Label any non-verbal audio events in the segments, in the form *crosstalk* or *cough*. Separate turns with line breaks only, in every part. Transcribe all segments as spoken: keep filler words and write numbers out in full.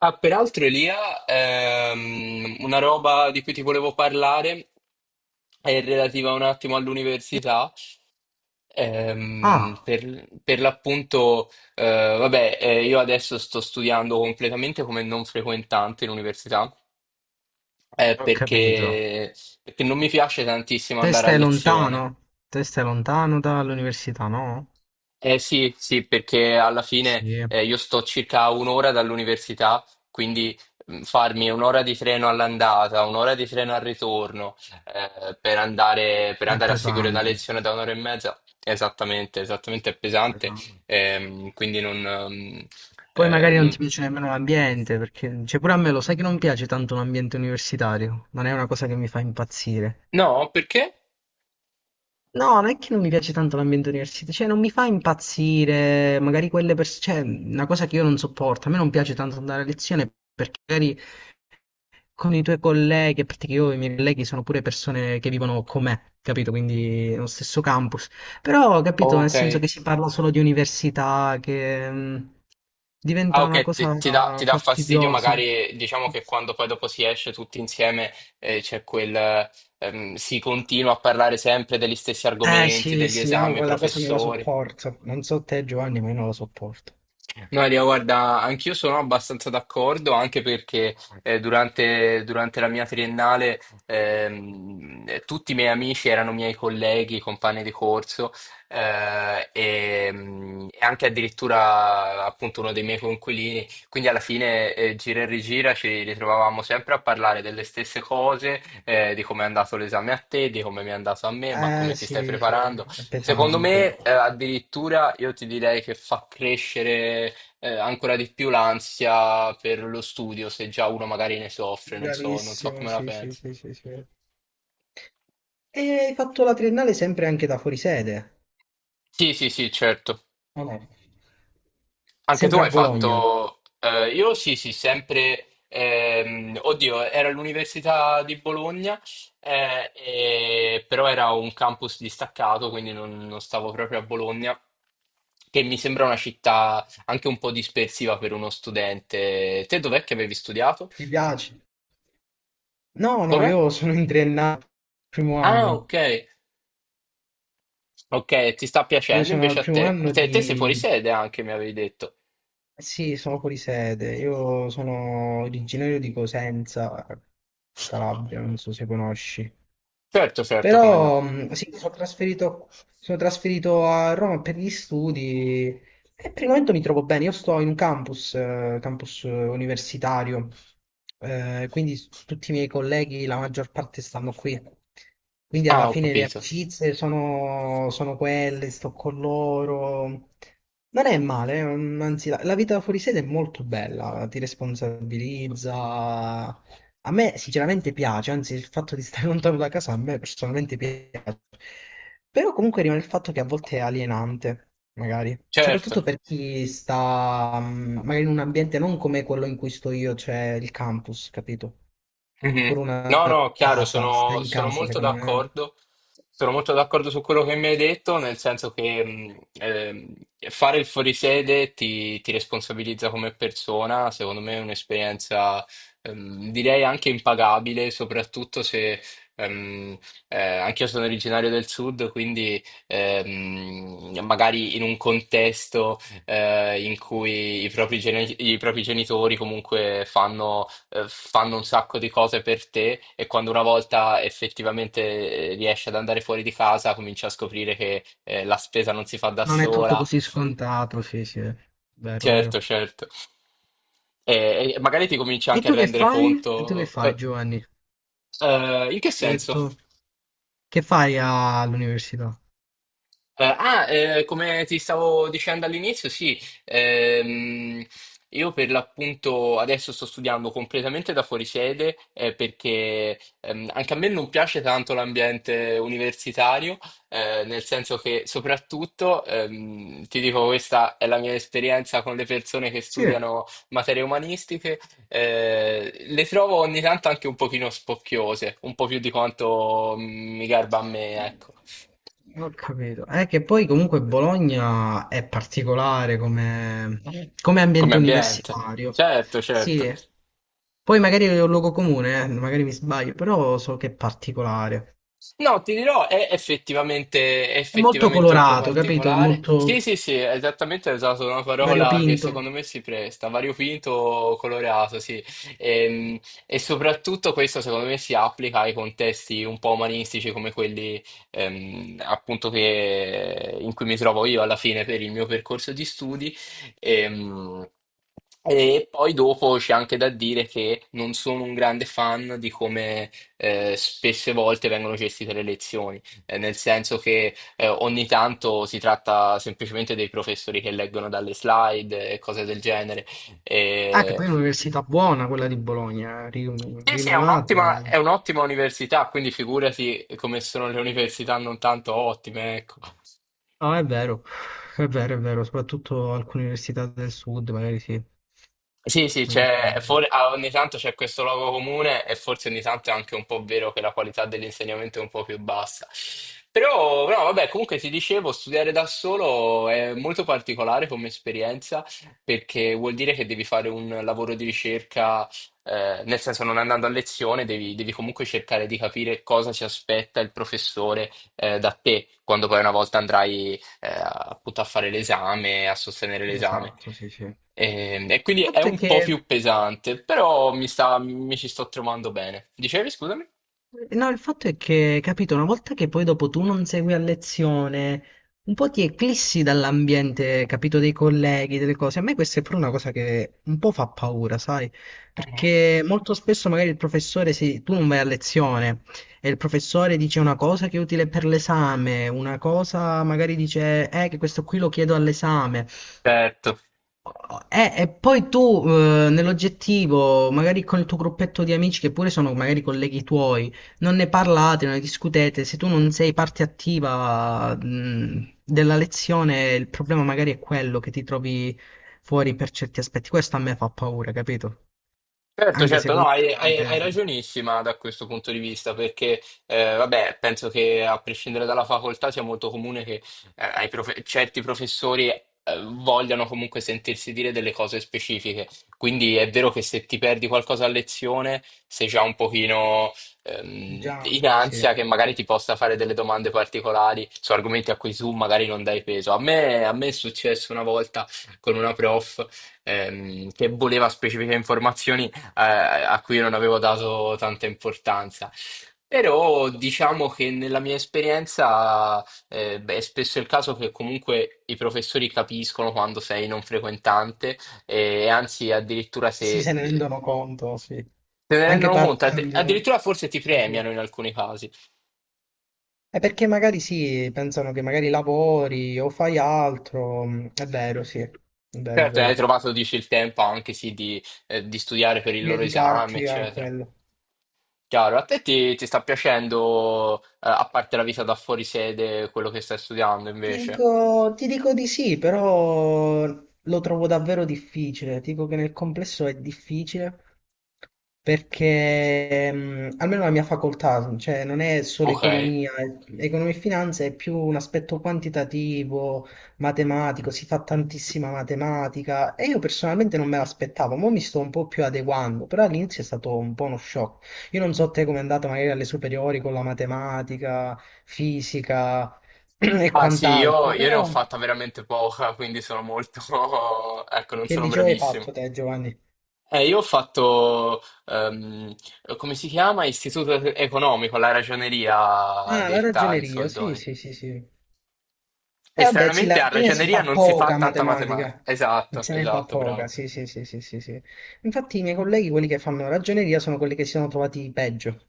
Ah, peraltro Elia, ehm, una roba di cui ti volevo parlare è relativa un attimo all'università. Ehm,
Ah,
per, per l'appunto, eh, vabbè, eh, io adesso sto studiando completamente come non frequentante in università, eh,
ho capito.
perché, perché non mi piace tantissimo
Te
andare a
stai lontano?
lezione.
Te stai lontano dall'università, no?
Eh sì, sì, perché alla fine,
Sì, è,
eh, io sto circa a un'ora dall'università, quindi mh, farmi un'ora di treno all'andata, un'ora di treno al ritorno, eh, per andare, per
è
andare a seguire una
pesante,
lezione da un'ora e mezza, esattamente, esattamente è pesante.
pesante.
ehm, quindi non, ehm,
Poi
eh,
magari non
non-
ti piace nemmeno l'ambiente, perché cioè pure a me lo sai che non piace tanto l'ambiente universitario, non è una cosa che mi fa impazzire.
No, perché?
No, non è che non mi piace tanto l'ambiente universitario, cioè non mi fa impazzire, magari quelle persone, cioè una cosa che io non sopporto, a me non piace tanto andare a lezione perché magari con i tuoi colleghi, a parte che io e i miei colleghi sono pure persone che vivono con me, capito? Quindi nello stesso campus. Però, capito, nel
Ok.
senso che si parla solo di università, che mh,
Ah,
diventa una
ok, ti, ti dà,
cosa
ti dà fastidio,
fastidiosa.
magari diciamo che quando poi dopo si esce tutti insieme, eh, c'è quel, ehm, si continua a parlare sempre degli stessi
Eh
argomenti,
sì,
degli
sì, io
esami,
quella cosa non la
professori.
sopporto. Non so te, Giovanni, ma io non la sopporto.
No, Elia, guarda, anch'io sono abbastanza d'accordo, anche perché, eh, durante, durante la mia triennale, ehm, eh, tutti i miei amici erano miei colleghi, compagni di corso, eh, e, mm, e anche addirittura appunto uno dei miei coinquilini. Quindi alla fine, eh, gira e rigira ci ritrovavamo sempre a parlare delle stesse cose, eh, di come è andato l'esame a te, di come mi è andato a me, ma
Eh
come ti stai
sì, sì,
preparando.
è
Secondo
pesante.
me, eh, addirittura io ti direi che fa crescere, eh, ancora di più l'ansia per lo studio, se già uno magari ne soffre, non so, non so
Bravissimo,
come la
sì, sì,
pensi.
sì, sì, sì. E hai fatto la triennale sempre anche da fuori sede?
Sì, sì, sì, certo.
O no?
Anche tu
Sempre a
hai
Bologna.
fatto, eh, io sì, sì, sempre, ehm, oddio, era all'Università di Bologna, eh, e- però era un campus distaccato, quindi non, non stavo proprio a Bologna, che mi sembra una città anche un po' dispersiva per uno studente. Te dov'è che avevi studiato?
Ti piace? No, no,
Come?
io sono in triennale, primo
Ah,
anno.
ok. Ok, ti sta
Io
piacendo
sono al
invece a
primo
te? A
anno
te,
di...
te sei fuori sede anche, mi avevi detto.
Sì, sono fuori sede. Io sono originario di Cosenza, Calabria, non so se conosci.
Certo, certo, come no.
Però mh, sì, mi sono trasferito, sono trasferito a Roma per gli studi e per il momento mi trovo bene. Io sto in un campus, eh, campus eh, universitario, eh, quindi s- tutti i miei colleghi, la maggior parte stanno qui. Quindi
Ah,
alla
ho
fine le
capito.
amicizie sono, sono quelle, sto con loro. Non è male, mm, anzi la, la vita fuori sede è molto bella, ti responsabilizza, a me sinceramente piace, anzi il fatto di stare *laughs* lontano da casa a me personalmente piace, però comunque rimane il fatto che a volte è alienante, magari,
Certo.
soprattutto per chi sta mm, magari in un ambiente non come quello in cui sto io, cioè il campus, capito?
Mhm.
Pure
No,
una
no, chiaro,
casa, stare
sono,
in
sono
casa
molto
secondo me
d'accordo. Sono molto d'accordo su quello che mi hai detto, nel senso che, mh, ehm, fare il fuorisede ti, ti responsabilizza come persona, secondo me è un'esperienza, ehm, direi anche impagabile, soprattutto se, ehm, eh, anch'io sono originario del sud, quindi, ehm, magari in un contesto, eh, in cui i propri geni- i propri genitori comunque fanno eh, fanno un sacco di cose per te e quando una volta effettivamente, eh, riesci ad andare fuori di casa, cominci a scoprire che, eh, la spesa non si fa da
non è tutto
sola.
così scontato, sì sì, vero, vero.
Certo, certo. E, e magari ti cominci
E
anche a
tu che
rendere
fai? E tu che
conto.
fai
Eh,
Giovanni?
eh, in che
Mi hai
senso?
detto che fai all'università?
Eh, ah, eh, come ti stavo dicendo all'inizio, sì, ehm, io per l'appunto adesso sto studiando completamente da fuori sede, eh, perché, ehm, anche a me non piace tanto l'ambiente universitario, eh, nel senso che soprattutto, ehm, ti dico, questa è la mia esperienza con le persone che
Sì.
studiano materie umanistiche, eh, le trovo ogni tanto anche un pochino spocchiose, un po' più di quanto mm, mi garba a me, ecco.
Ho capito. È che poi comunque Bologna è particolare come, come
Come
ambiente
ambiente.
universitario.
Certo, certo.
Sì. Poi magari è un luogo comune, eh, magari mi sbaglio, però so che è particolare.
No, ti dirò, è effettivamente, è
È molto
effettivamente un po'
colorato, capito? È
particolare. Sì,
molto
sì, sì, esattamente, hai usato una parola che
variopinto.
secondo me si presta, variopinto, colorato, sì. Ehm, E, soprattutto questo secondo me si applica ai contesti un po' umanistici come quelli, ehm, appunto che, in cui mi trovo io alla fine per il mio percorso di studi. Ehm, E poi dopo c'è anche da dire che non sono un grande fan di come, eh, spesse volte vengono gestite le elezioni, eh, nel senso che, eh, ogni tanto si tratta semplicemente dei professori che leggono dalle slide e cose del genere.
Ah, che
E-
poi è un'università buona quella di Bologna, eh, ri-
Sì, sì, è
rinomata.
un'ottima è un'ottima università, quindi figurati come sono le università non tanto ottime, ecco.
No, è vero, è vero, è vero, soprattutto alcune università del sud, magari sì.
Sì, sì, c'è, for- ah, ogni tanto c'è questo luogo comune e forse ogni tanto è anche un po' vero che la qualità dell'insegnamento è un po' più bassa. Però, no, vabbè, comunque ti dicevo, studiare da solo è molto particolare come esperienza perché vuol dire che devi fare un lavoro di ricerca, eh, nel senso non andando a lezione, devi, devi comunque cercare di capire cosa si aspetta il professore, eh, da te quando poi una volta andrai, eh, appunto a fare l'esame, a sostenere l'esame.
Esatto, sì, sì. Il
E, e quindi è
fatto è
un po'
che
più pesante, però mi sta, mi ci sto trovando bene. Dicevi, scusami?
no, il fatto è che, capito, una volta che poi dopo tu non segui a lezione, un po' ti eclissi dall'ambiente, capito, dei colleghi, delle cose. A me questa è pure una cosa che un po' fa paura, sai?
Mhm.
Perché molto spesso magari il professore, sì, tu non vai a lezione e il professore dice una cosa che è utile per l'esame, una cosa magari dice, eh, che questo qui lo chiedo all'esame.
Certo.
Eh, e poi tu, eh, nell'oggettivo, magari con il tuo gruppetto di amici, che pure sono magari colleghi tuoi, non ne parlate, non ne discutete. Se tu non sei parte attiva, mh, della lezione, il problema magari è quello che ti trovi fuori per certi aspetti. Questo a me fa paura, capito?
Certo,
Anche se
certo, no,
comunque
hai, hai-
tante-
hai ragionissima da questo punto di vista, perché, eh, vabbè, penso che a prescindere dalla facoltà sia molto comune che, eh, ai profe- certi professori, eh, vogliano comunque sentirsi dire delle cose specifiche. Quindi è vero che se ti perdi qualcosa a lezione, sei già un pochino, ehm,
già un
in
po' sì.
ansia che magari ti possa fare delle domande particolari su argomenti a cui tu magari non dai peso. A me, a me è successo una volta con una prof, ehm, che voleva specifiche informazioni, eh, a cui non avevo dato tanta importanza. Però diciamo che nella mia esperienza, eh, beh, è spesso il caso che comunque i professori capiscono quando sei non frequentante e anzi addirittura
Sì, se
se
ne
eh,
rendono conto, sì.
se ne
Anche
rendono conto, addi-
parlando.
addirittura forse ti
Sì, sì.
premiano in alcuni casi.
È perché magari sì, pensano che magari lavori o fai altro, mm, è vero, sì, è vero, è
Certo, hai
vero.
trovato, dici, il tempo anche sì di, eh, di studiare per il loro esame,
Dedicarti a
eccetera.
quello.
Chiaro, a te ti, ti sta piacendo, eh, a parte la vita da fuori sede, quello che stai studiando
Ti
invece?
dico, ti dico di sì, però lo trovo davvero difficile. Ti dico che nel complesso è difficile perché mm, almeno la mia facoltà, cioè non è solo
Ok.
economia, è- economia e finanza è più un aspetto quantitativo, matematico, si fa tantissima matematica e io personalmente non me l'aspettavo, ma mi sto un po' più adeguando, però all'inizio è stato un po' uno shock. Io non so te com'è andata magari alle superiori con la matematica, fisica. *clears throat* E
Ah sì, io,
quant'altro,
io ne ho
però
fatta veramente poca, quindi sono molto, *laughs* ecco, non
che
sono
liceo hai fatto
bravissimo.
te, Giovanni?
Eh, io ho fatto, ehm, come si chiama? Istituto economico, la ragioneria
Ah, la
detta in
ragioneria, sì,
soldoni.
sì, sì, sì. E
E
vabbè, sì, la
stranamente a
ragioneria si
ragioneria
fa
non si fa
poca
tanta matematica.
matematica,
Esatto,
se ne fa
esatto,
poca,
bravo.
sì, sì, sì, sì, sì, sì. Infatti i miei colleghi, quelli che fanno ragioneria, sono quelli che si sono trovati peggio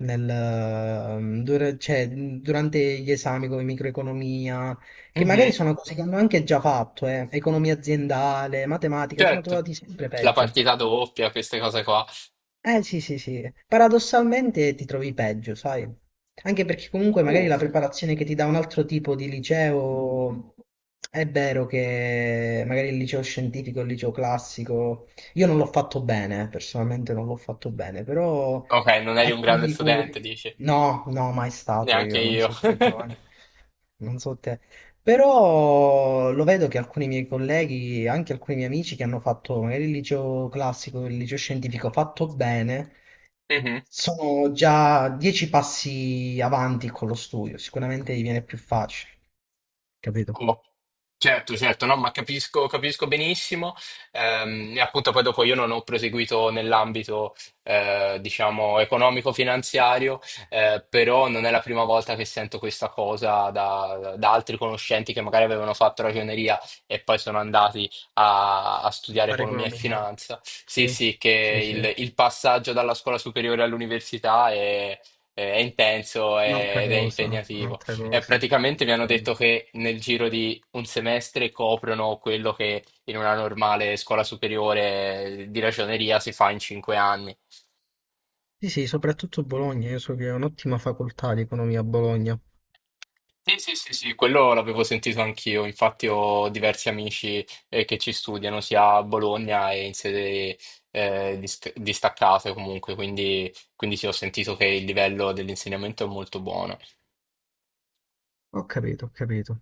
nel, ehm, dura- cioè, durante gli esami come microeconomia, che magari
Mhm,
sono cose che hanno anche già fatto, eh, economia aziendale, matematica, si sono
certo.
trovati sempre
La
peggio.
partita doppia, queste cose qua.
Eh sì, sì, sì. Paradossalmente ti trovi peggio, sai? Anche perché comunque magari
Uh,
la preparazione che ti dà un altro tipo di liceo è vero che magari il liceo scientifico, il liceo classico, io non l'ho fatto bene, eh, personalmente non l'ho fatto bene, però
ok, non eri un grande
alcuni
studente,
colleghi...
dici?
No, no, mai stato
Neanche
io, non
io.
so te, Giovanni. Non so te. Però lo vedo che alcuni miei colleghi, anche alcuni miei amici che hanno fatto magari il liceo classico, il liceo scientifico fatto
*laughs*
bene, sono già dieci passi avanti con lo studio. Sicuramente gli viene più facile, capito?
Mhm. Certo, certo, no, ma capisco, capisco benissimo. Ehm, e appunto poi dopo io non ho proseguito nell'ambito, eh, diciamo, economico-finanziario, eh, però non è la prima volta che sento questa cosa da, da altri conoscenti che magari avevano fatto ragioneria e poi sono andati a, a studiare
Fare
economia e
economia.
finanza. Sì,
Sì,
sì, che
sì, sì.
il, il passaggio dalla scuola superiore all'università è, è intenso
Un'altra
ed è
cosa,
impegnativo.
un'altra
E
cosa.
praticamente mi hanno
Un'altra
detto
cosa.
che nel giro di un semestre coprono quello che in una normale scuola superiore di ragioneria si fa in cinque anni.
Sì, sì, soprattutto Bologna. Io so che è un'ottima facoltà di economia a Bologna.
Sì, sì, sì, sì, quello l'avevo sentito anch'io. Infatti ho diversi amici, eh, che ci studiano sia a Bologna e in sede, eh, dis- distaccate comunque, quindi, quindi sì, ho sentito che il livello dell'insegnamento è molto buono.
Ho capito, ho capito.